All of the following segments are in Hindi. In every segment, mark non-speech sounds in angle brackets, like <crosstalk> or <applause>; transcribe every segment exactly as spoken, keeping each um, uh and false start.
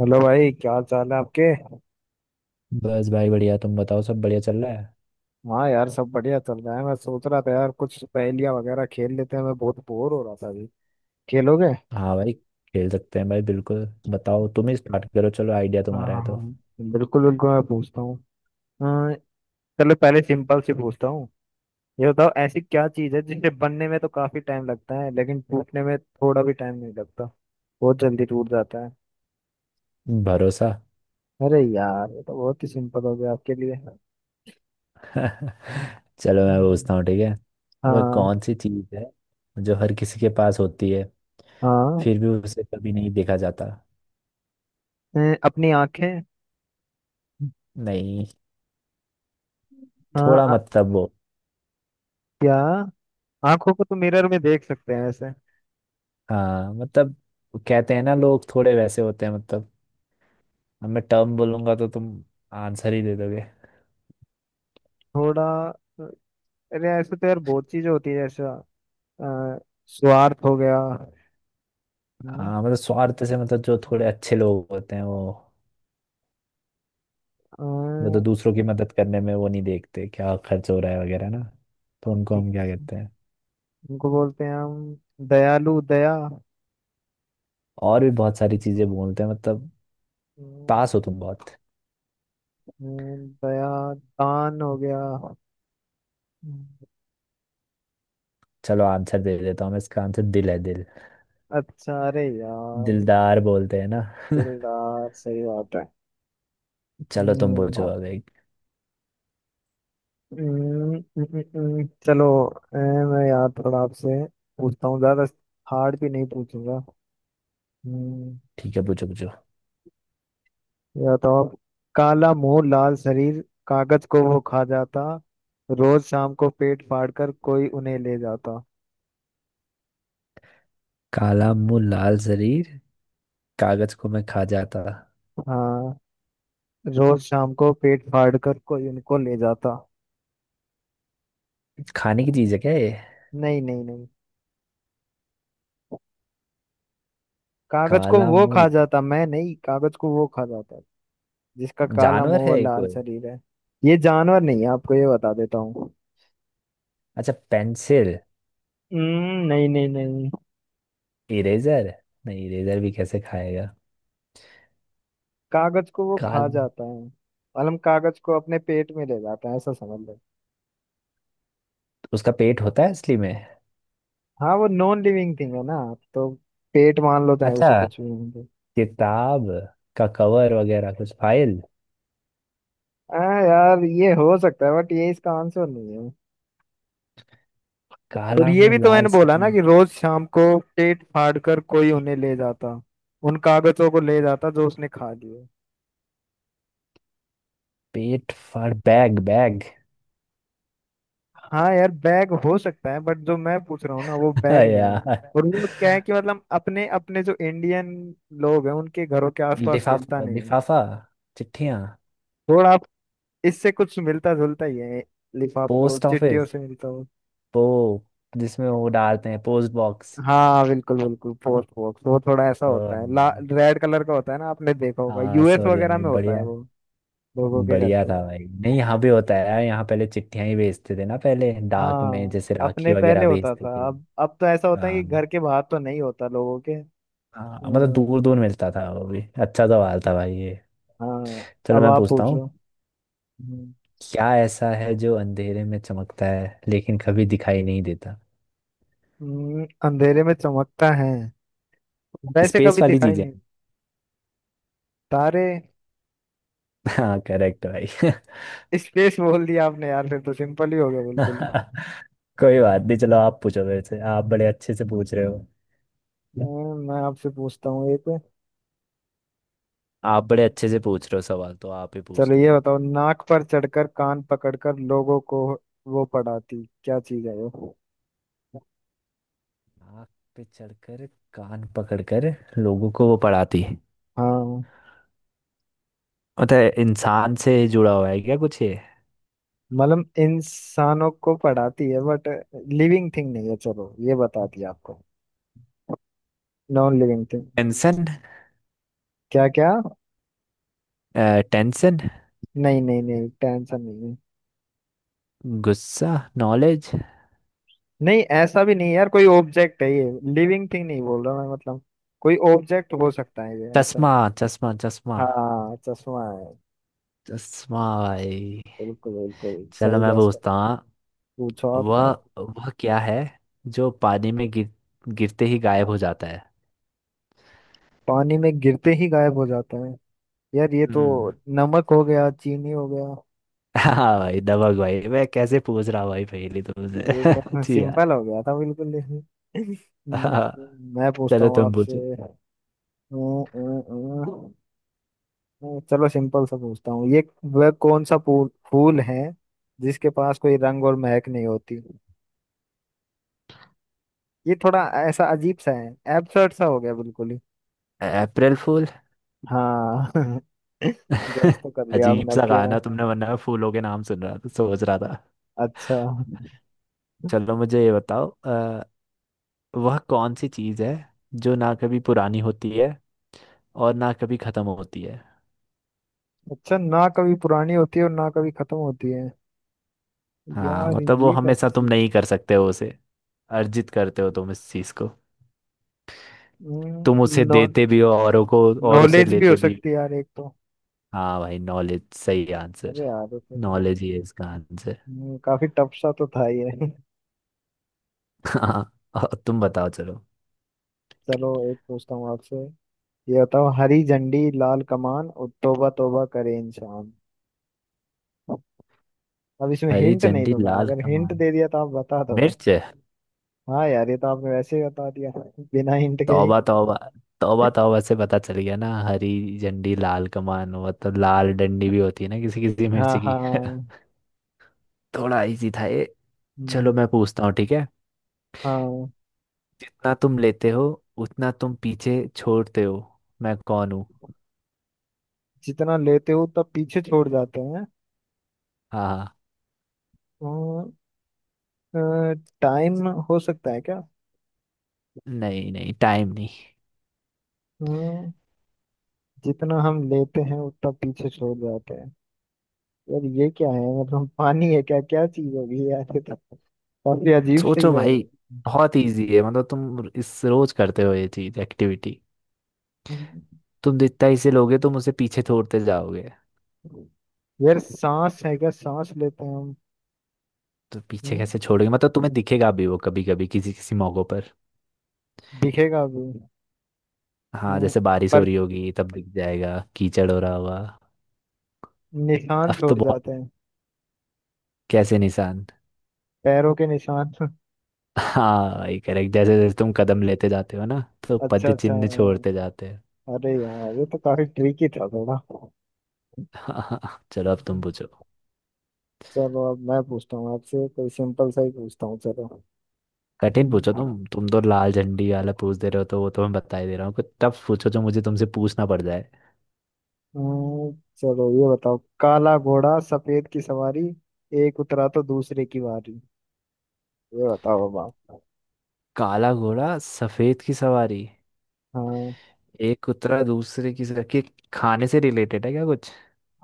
हेलो भाई, क्या चाल है आपके। बस भाई बढ़िया। तुम बताओ सब बढ़िया चल रहा है। हाँ यार, सब बढ़िया चल रहा है। मैं सोच रहा था यार, कुछ पहेलियां वगैरह खेल लेते हैं, मैं बहुत बोर हो रहा था अभी। खेलोगे? हाँ भाई, खेल सकते हैं भाई, बिल्कुल। बताओ, तुम ही स्टार्ट करो, चलो आइडिया हाँ तुम्हारा है तो। हाँ, बिल्कुल बिल्कुल मैं पूछता हूँ। अ, चलो पहले सिंपल से पूछता हूँ। ये बताओ ऐसी क्या चीज़ है जिसे बनने में तो काफी टाइम लगता है लेकिन टूटने में थोड़ा भी टाइम नहीं लगता, बहुत जल्दी टूट जाता है। भरोसा। अरे यार, ये तो बहुत ही सिंपल हो गया आपके लिए। <laughs> चलो मैं हम्म। पूछता हूँ, ठीक है। वह हाँ। कौन सी चीज़ है जो हर किसी के पास होती है हाँ, फिर भी उसे कभी नहीं देखा जाता। अ, अपनी आंखें। नहीं। हाँ थोड़ा अ- मतलब वो। क्या? आंखों को तो मिरर में देख सकते हैं ऐसे। हाँ मतलब, कहते हैं ना लोग थोड़े वैसे होते हैं, मतलब अब मैं टर्म बोलूंगा तो तुम आंसर ही दे दोगे। थोड़ा अरे ऐसे तो यार बहुत चीजें होती है, जैसे अ, स्वार्थ हो गया। हम्म, हाँ मतलब, स्वार्थ से मतलब जो थोड़े अच्छे लोग होते हैं वो अ, वो तो दूसरों की मदद करने में वो नहीं देखते क्या खर्च हो रहा है वगैरह ना। तो उनको हम क्या कहते हैं। उनको बोलते हैं हम दयालु, दया। और भी बहुत सारी चीजें बोलते हैं मतलब, हम्म, पास हो तुम बहुत। हम्म, दया, दान हो गया। हम्म, चलो आंसर दे देता हूँ मैं, इसका आंसर दिल है, दिल। अच्छा, अरे यार दिलदार बोलते हैं ना। <laughs> दिलदार, सही बात है। चलो तुम पूछो हम्म, अब एक। हम्म, हम्म, हम्म, चलो अ, मैं यार थोड़ा आपसे पूछता हूँ, ज्यादा हार्ड भी नहीं पूछूंगा। हम्म, ठीक है पूछो पूछो। या तो आप, काला मुंह लाल शरीर, कागज को वो खा जाता, रोज शाम को पेट फाड़ कर कोई उन्हें ले जाता। काला मुंह लाल शरीर, कागज को मैं खा जाता। हाँ, रोज शाम को पेट फाड़ कर कोई उनको ले जाता। खाने की चीज है क्या ये। नहीं नहीं नहीं, कागज को काला वो मुंह खा ला-। जाता, मैं नहीं, कागज को वो खा जाता, जिसका काला जानवर मुंह और है ये लाल कोई। शरीर है। ये जानवर नहीं है आपको ये बता देता हूँ। अच्छा, पेंसिल। हम्म, नहीं नहीं नहीं, इरेजर। नहीं, इरेजर भी कैसे खाएगा। कागज को वो खा काला। जाता है। मतलब कागज को अपने पेट में ले जाता है, ऐसा समझ लो। उसका पेट होता है असली में। हाँ वो नॉन लिविंग थिंग है ना, तो पेट मान लो चाहे अच्छा, उसे कुछ भी मान लो। किताब का कवर वगैरह कुछ, फाइल। हाँ यार ये हो सकता है बट ये इसका आंसर नहीं है। और काला ये भी मुंह तो लाल मैंने बोला ना सैनी। कि रोज शाम को पेट फाड़ कर कोई उन्हें ले जाता, उन कागजों को ले जाता जो उसने खा लिए। पेट फाड़, बैग बैग। हाँ यार बैग हो सकता है बट जो मैं पूछ रहा हूँ ना वो <laughs> बैग नहीं है। यार, और वो क्या है कि मतलब अपने अपने जो इंडियन लोग हैं उनके घरों के आसपास मिलता लिफाफा नहीं है। लिफाफा, चिट्ठियाँ। थोड़ा आप, इससे कुछ मिलता जुलता ही है, लिफाफों पोस्ट चिट्ठियों ऑफिस, से मिलता हो। पो, जिसमें वो डालते हैं, पोस्ट बॉक्स। हाँ बिल्कुल बिल्कुल, फोर्थ फोक्स, वो थोड़ा ऐसा होता है ला रेड कलर का होता है ना, आपने देखा होगा हाँ यूएस सॉरी वगैरह भाई, में होता है बढ़िया। वो, लोगों के घर बढ़िया के था बाहर। भाई। नहीं यहाँ भी होता है यार, यहाँ पहले चिट्ठियाँ ही भेजते थे ना, पहले डाक में हाँ जैसे राखी अपने पहले वगैरह होता भेजते था, थे। अब अब तो ऐसा होता है कि हाँ, घर के बाहर तो नहीं होता लोगों के। हाँ मतलब हम्म, दूर दूर मिलता था वो भी। अच्छा सवाल था भाई ये। हाँ, चलो अब मैं आप पूछता हूँ। पूछो। हम्म, क्या ऐसा है जो अंधेरे में चमकता है लेकिन कभी दिखाई नहीं देता। हम्म, अंधेरे में चमकता है, वैसे स्पेस कभी वाली दिखाई चीजें। नहीं। तारे? हाँ करेक्ट भाई। <laughs> स्पेस बोल दिया आपने यार, फिर तो सिंपल ही हो गया बिल्कुल ही। कोई बात नहीं, चलो आप पूछो, मेरे से आप बड़े अच्छे से पूछ रहे हो। हम्म, मैं आपसे पूछता हूँ एक। आप बड़े अच्छे से पूछ रहे हो, सवाल तो आप ही चलो पूछ लो ये एक। बताओ, नाक पर चढ़कर कान पकड़कर लोगों को वो पढ़ाती, क्या चीज है वो। नाक पे चढ़कर कान पकड़कर लोगों को वो पढ़ाती है। हाँ मतलब इंसान से जुड़ा हुआ है क्या कुछ ये। मतलब इंसानों को पढ़ाती है बट लिविंग थिंग नहीं है, चलो ये बताती है आपको, नॉन लिविंग थिंग। टेंशन। क्या क्या? टेंशन। नहीं नहीं नहीं, टेंशन नहीं है। गुस्सा। नॉलेज। नहीं ऐसा भी नहीं है यार, कोई ऑब्जेक्ट है ये। लिविंग थिंग नहीं बोल रहा मैं, मतलब कोई ऑब्जेक्ट हो सकता है ये, ऐसा चश्मा। है। चश्मा, चश्मा हाँ, चश्मा है। चश्मा भाई। बिल्कुल बिल्कुल, चलो सही मैं गैस कर। पूछता हूँ। पूछो वह आप। वह क्या है जो पानी में गिर, गिरते ही गायब हो जाता है। पानी में गिरते ही गायब हो जाता है, यार ये तो हम्म। नमक हो गया, चीनी हो गया। <laughs> हाँ भाई दबंग भाई मैं कैसे पूछ रहा हूँ भाई, पहले और ये तुमसे। तो <laughs> जी यार। सिंपल हो गया था बिल्कुल। हम्म, हाँ। तो मैं <laughs> पूछता चलो हूँ तुम आपसे। पूछो। अं, अं, अं, चलो सिंपल सा पूछता हूँ ये। वह कौन सा फूल फूल है जिसके पास कोई रंग और महक नहीं होती। ये थोड़ा ऐसा अजीब सा है, एब्सर्ड सा हो गया बिल्कुल ही। अप्रैल फूल। हाँ <laughs> गैस <laughs> तो कर लिया अजीब आपने अब सा क्या कहा है। ना तुमने, वरना मैं फूलों के नाम सुन रहा था, सोच रहा था। अच्छा, चलो मुझे ये बताओ, अ, वह कौन सी चीज़ है जो ना कभी पुरानी होती है और ना कभी खत्म होती है। अच्छा, ना कभी पुरानी होती है और ना कभी खत्म होती है, हाँ यार मतलब वो ये हमेशा, तुम कैसी। नहीं कर सकते हो उसे, अर्जित करते हो तुम इस चीज को। हम्म, तुम उसे नो, देते भी हो औरों को और उसे नॉलेज भी हो लेते भी हो। सकती है यार एक तो। हाँ भाई, नॉलेज सही आंसर। अरे यार ये तो। नॉलेज ही है इसका आंसर। हम्म, काफी टफ सा तो था ही है। <laughs> हाँ, और तुम बताओ चलो। चलो एक पूछता हूँ आपसे। ये बताओ, हरी झंडी लाल कमान और तौबा तौबा करे इंसान। अब इसमें हरी हिंट नहीं झंडी दूंगा, लाल अगर हिंट कमान, दे दिया तो आप बता दोगे। मिर्च। हाँ यार ये तो आपने वैसे ही बता दिया <laughs> बिना हिंट के ही। तौबा तौबा, तौबा तौबा से पता चल गया ना। हरी झंडी लाल कमान मतलब, लाल डंडी भी होती है ना किसी किसी मिर्च हाँ की। हाँ। <laughs> थोड़ा इजी था ये। हम्म, चलो मैं पूछता हूँ, ठीक है। हाँ, जितना तुम लेते हो उतना तुम पीछे छोड़ते हो, मैं कौन हूँ। जितना लेते हो तब पीछे छोड़ जाते हैं। हाँ हाँ। टाइम हो सकता है क्या? नहीं नहीं, टाइम नहीं। हम्म, जितना हम लेते हैं उतना पीछे छोड़ जाते हैं, यार ये क्या है, मतलब पानी है क्या, क्या चीज हो गई यार ये तो, काफी अजीब सी सोचो पहेली। भाई, बहुत इजी है। मतलब तुम इस रोज करते हो ये चीज, एक्टिविटी। हम्म। तुम जितना इसे लोगे तुम उसे पीछे छोड़ते जाओगे। यार सांस है क्या, सांस लेते हैं हम। तो पीछे हम्म, कैसे छोड़ोगे मतलब, तुम्हें दिखेगा भी वो कभी कभी, किसी किसी मौकों पर। दिखेगा अभी। हाँ हम्म, जैसे बारिश हो पर रही होगी तब दिख जाएगा, कीचड़ हो रहा होगा। निशान अब तो छोड़ बहुत। जाते हैं, कैसे निशान। पैरों के निशान। <laughs> हाँ भाई करेक्ट, जैसे जैसे तुम कदम लेते जाते हो ना तो अच्छा पद अच्छा चिन्ह छोड़ते हाँ। जाते। अरे यार ये तो काफी ट्रिकी था थोड़ा। <laughs> चलो अब तुम पूछो। चलो अब मैं पूछता हूँ आपसे, कोई सिंपल सा ही पूछता हूँ चलो। कठिन पूछो, हम्म। तुम तुम तो लाल झंडी वाला पूछ दे रहे हो तो वो तो मैं बता ही दे रहा हूँ। कुछ तब पूछो जो मुझे तुमसे पूछना पड़ जाए। हम्म, चलो ये बताओ, काला घोड़ा सफेद की सवारी, एक उतरा तो दूसरे की बारी। ये बताओ अब आप। काला घोड़ा सफेद की सवारी, हाँ एक उतरा दूसरे की सर कि, खाने से रिलेटेड है क्या कुछ।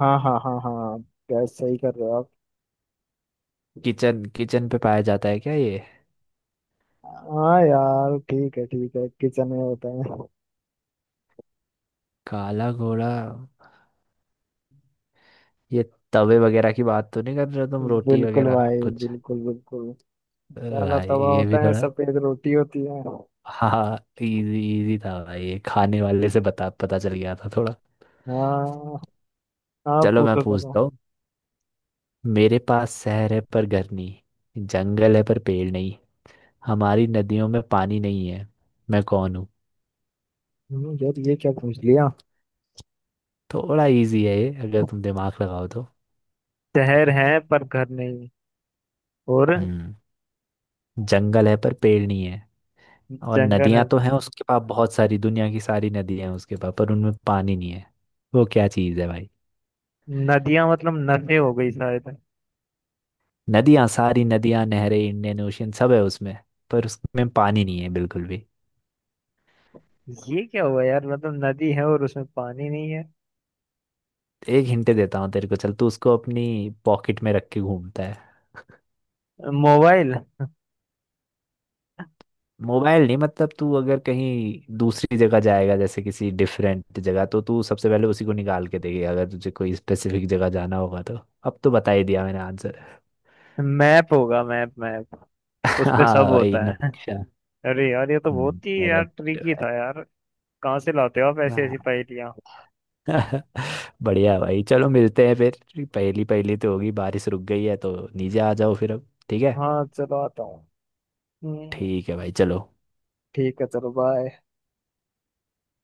हाँ हाँ हाँ, हाँ गैस सही कर रहे हो आप। किचन, किचन पे पाया जाता है क्या ये। हाँ यार ठीक है ठीक है, किचन में होता है। काला घोड़ा, ये तवे वगैरह की बात तो नहीं कर रहे हो तुम, रोटी बिल्कुल वगैरह भाई, कुछ। बिल्कुल बिल्कुल, काला भाई तवा ये भी होता है, थोड़ा। सफेद रोटी होती है। हाँ, इजी इजी था भाई ये, खाने वाले से बता, पता चल गया था थोड़ा। हाँ, आप चलो मैं पूछो पूछता करो। हूँ। मेरे पास शहर है पर घर नहीं, जंगल है पर पेड़ नहीं, हमारी नदियों में पानी नहीं है, मैं कौन हूँ। हम्म, यार ये क्या पूछ लिया। थोड़ा इजी है ये अगर तुम दिमाग लगाओ तो। शहर है पर घर नहीं, और हम्म, जंगल है पर पेड़ नहीं है, और जंगल है। नदियां तो हैं उसके पास, बहुत सारी दुनिया की सारी नदियां हैं उसके पास, पर उनमें पानी नहीं है। वो क्या चीज़ है भाई। नदियां, मतलब नदी हो गई शायद। नदियां, सारी नदियां, नहरें, इंडियन ओशियन सब है उसमें, पर उसमें पानी नहीं है बिल्कुल भी। ये क्या हुआ यार, मतलब नदी है और उसमें पानी नहीं है। एक हिंट देता हूँ तेरे को, चल, तू उसको अपनी पॉकेट में रख के घूमता है। मोबाइल? मोबाइल नहीं, मतलब तू अगर कहीं दूसरी जगह जाएगा, जैसे किसी डिफरेंट जगह, तो तू सबसे पहले उसी को निकाल के देगी अगर तुझे कोई स्पेसिफिक जगह जाना होगा तो। अब तो बता ही दिया मैंने आंसर। मैप होगा, मैप मैप, <laughs> उसपे हाँ सब भाई, होता है। नक्शा। <laughs> अरे यार ये तो हम्म बहुत ही यार करेक्ट। ट्रिकी था यार, कहाँ से लाते हो आप ऐसी ऐसी हाँ। पहेलियाँ। <laughs> बढ़िया भाई, चलो मिलते हैं फिर। पहली पहली तो होगी बारिश, रुक गई है तो नीचे आ जाओ फिर अब, ठीक है। हाँ चलो आता हूँ। हम्म, ठीक है भाई, चलो। ठीक है चलो बाय।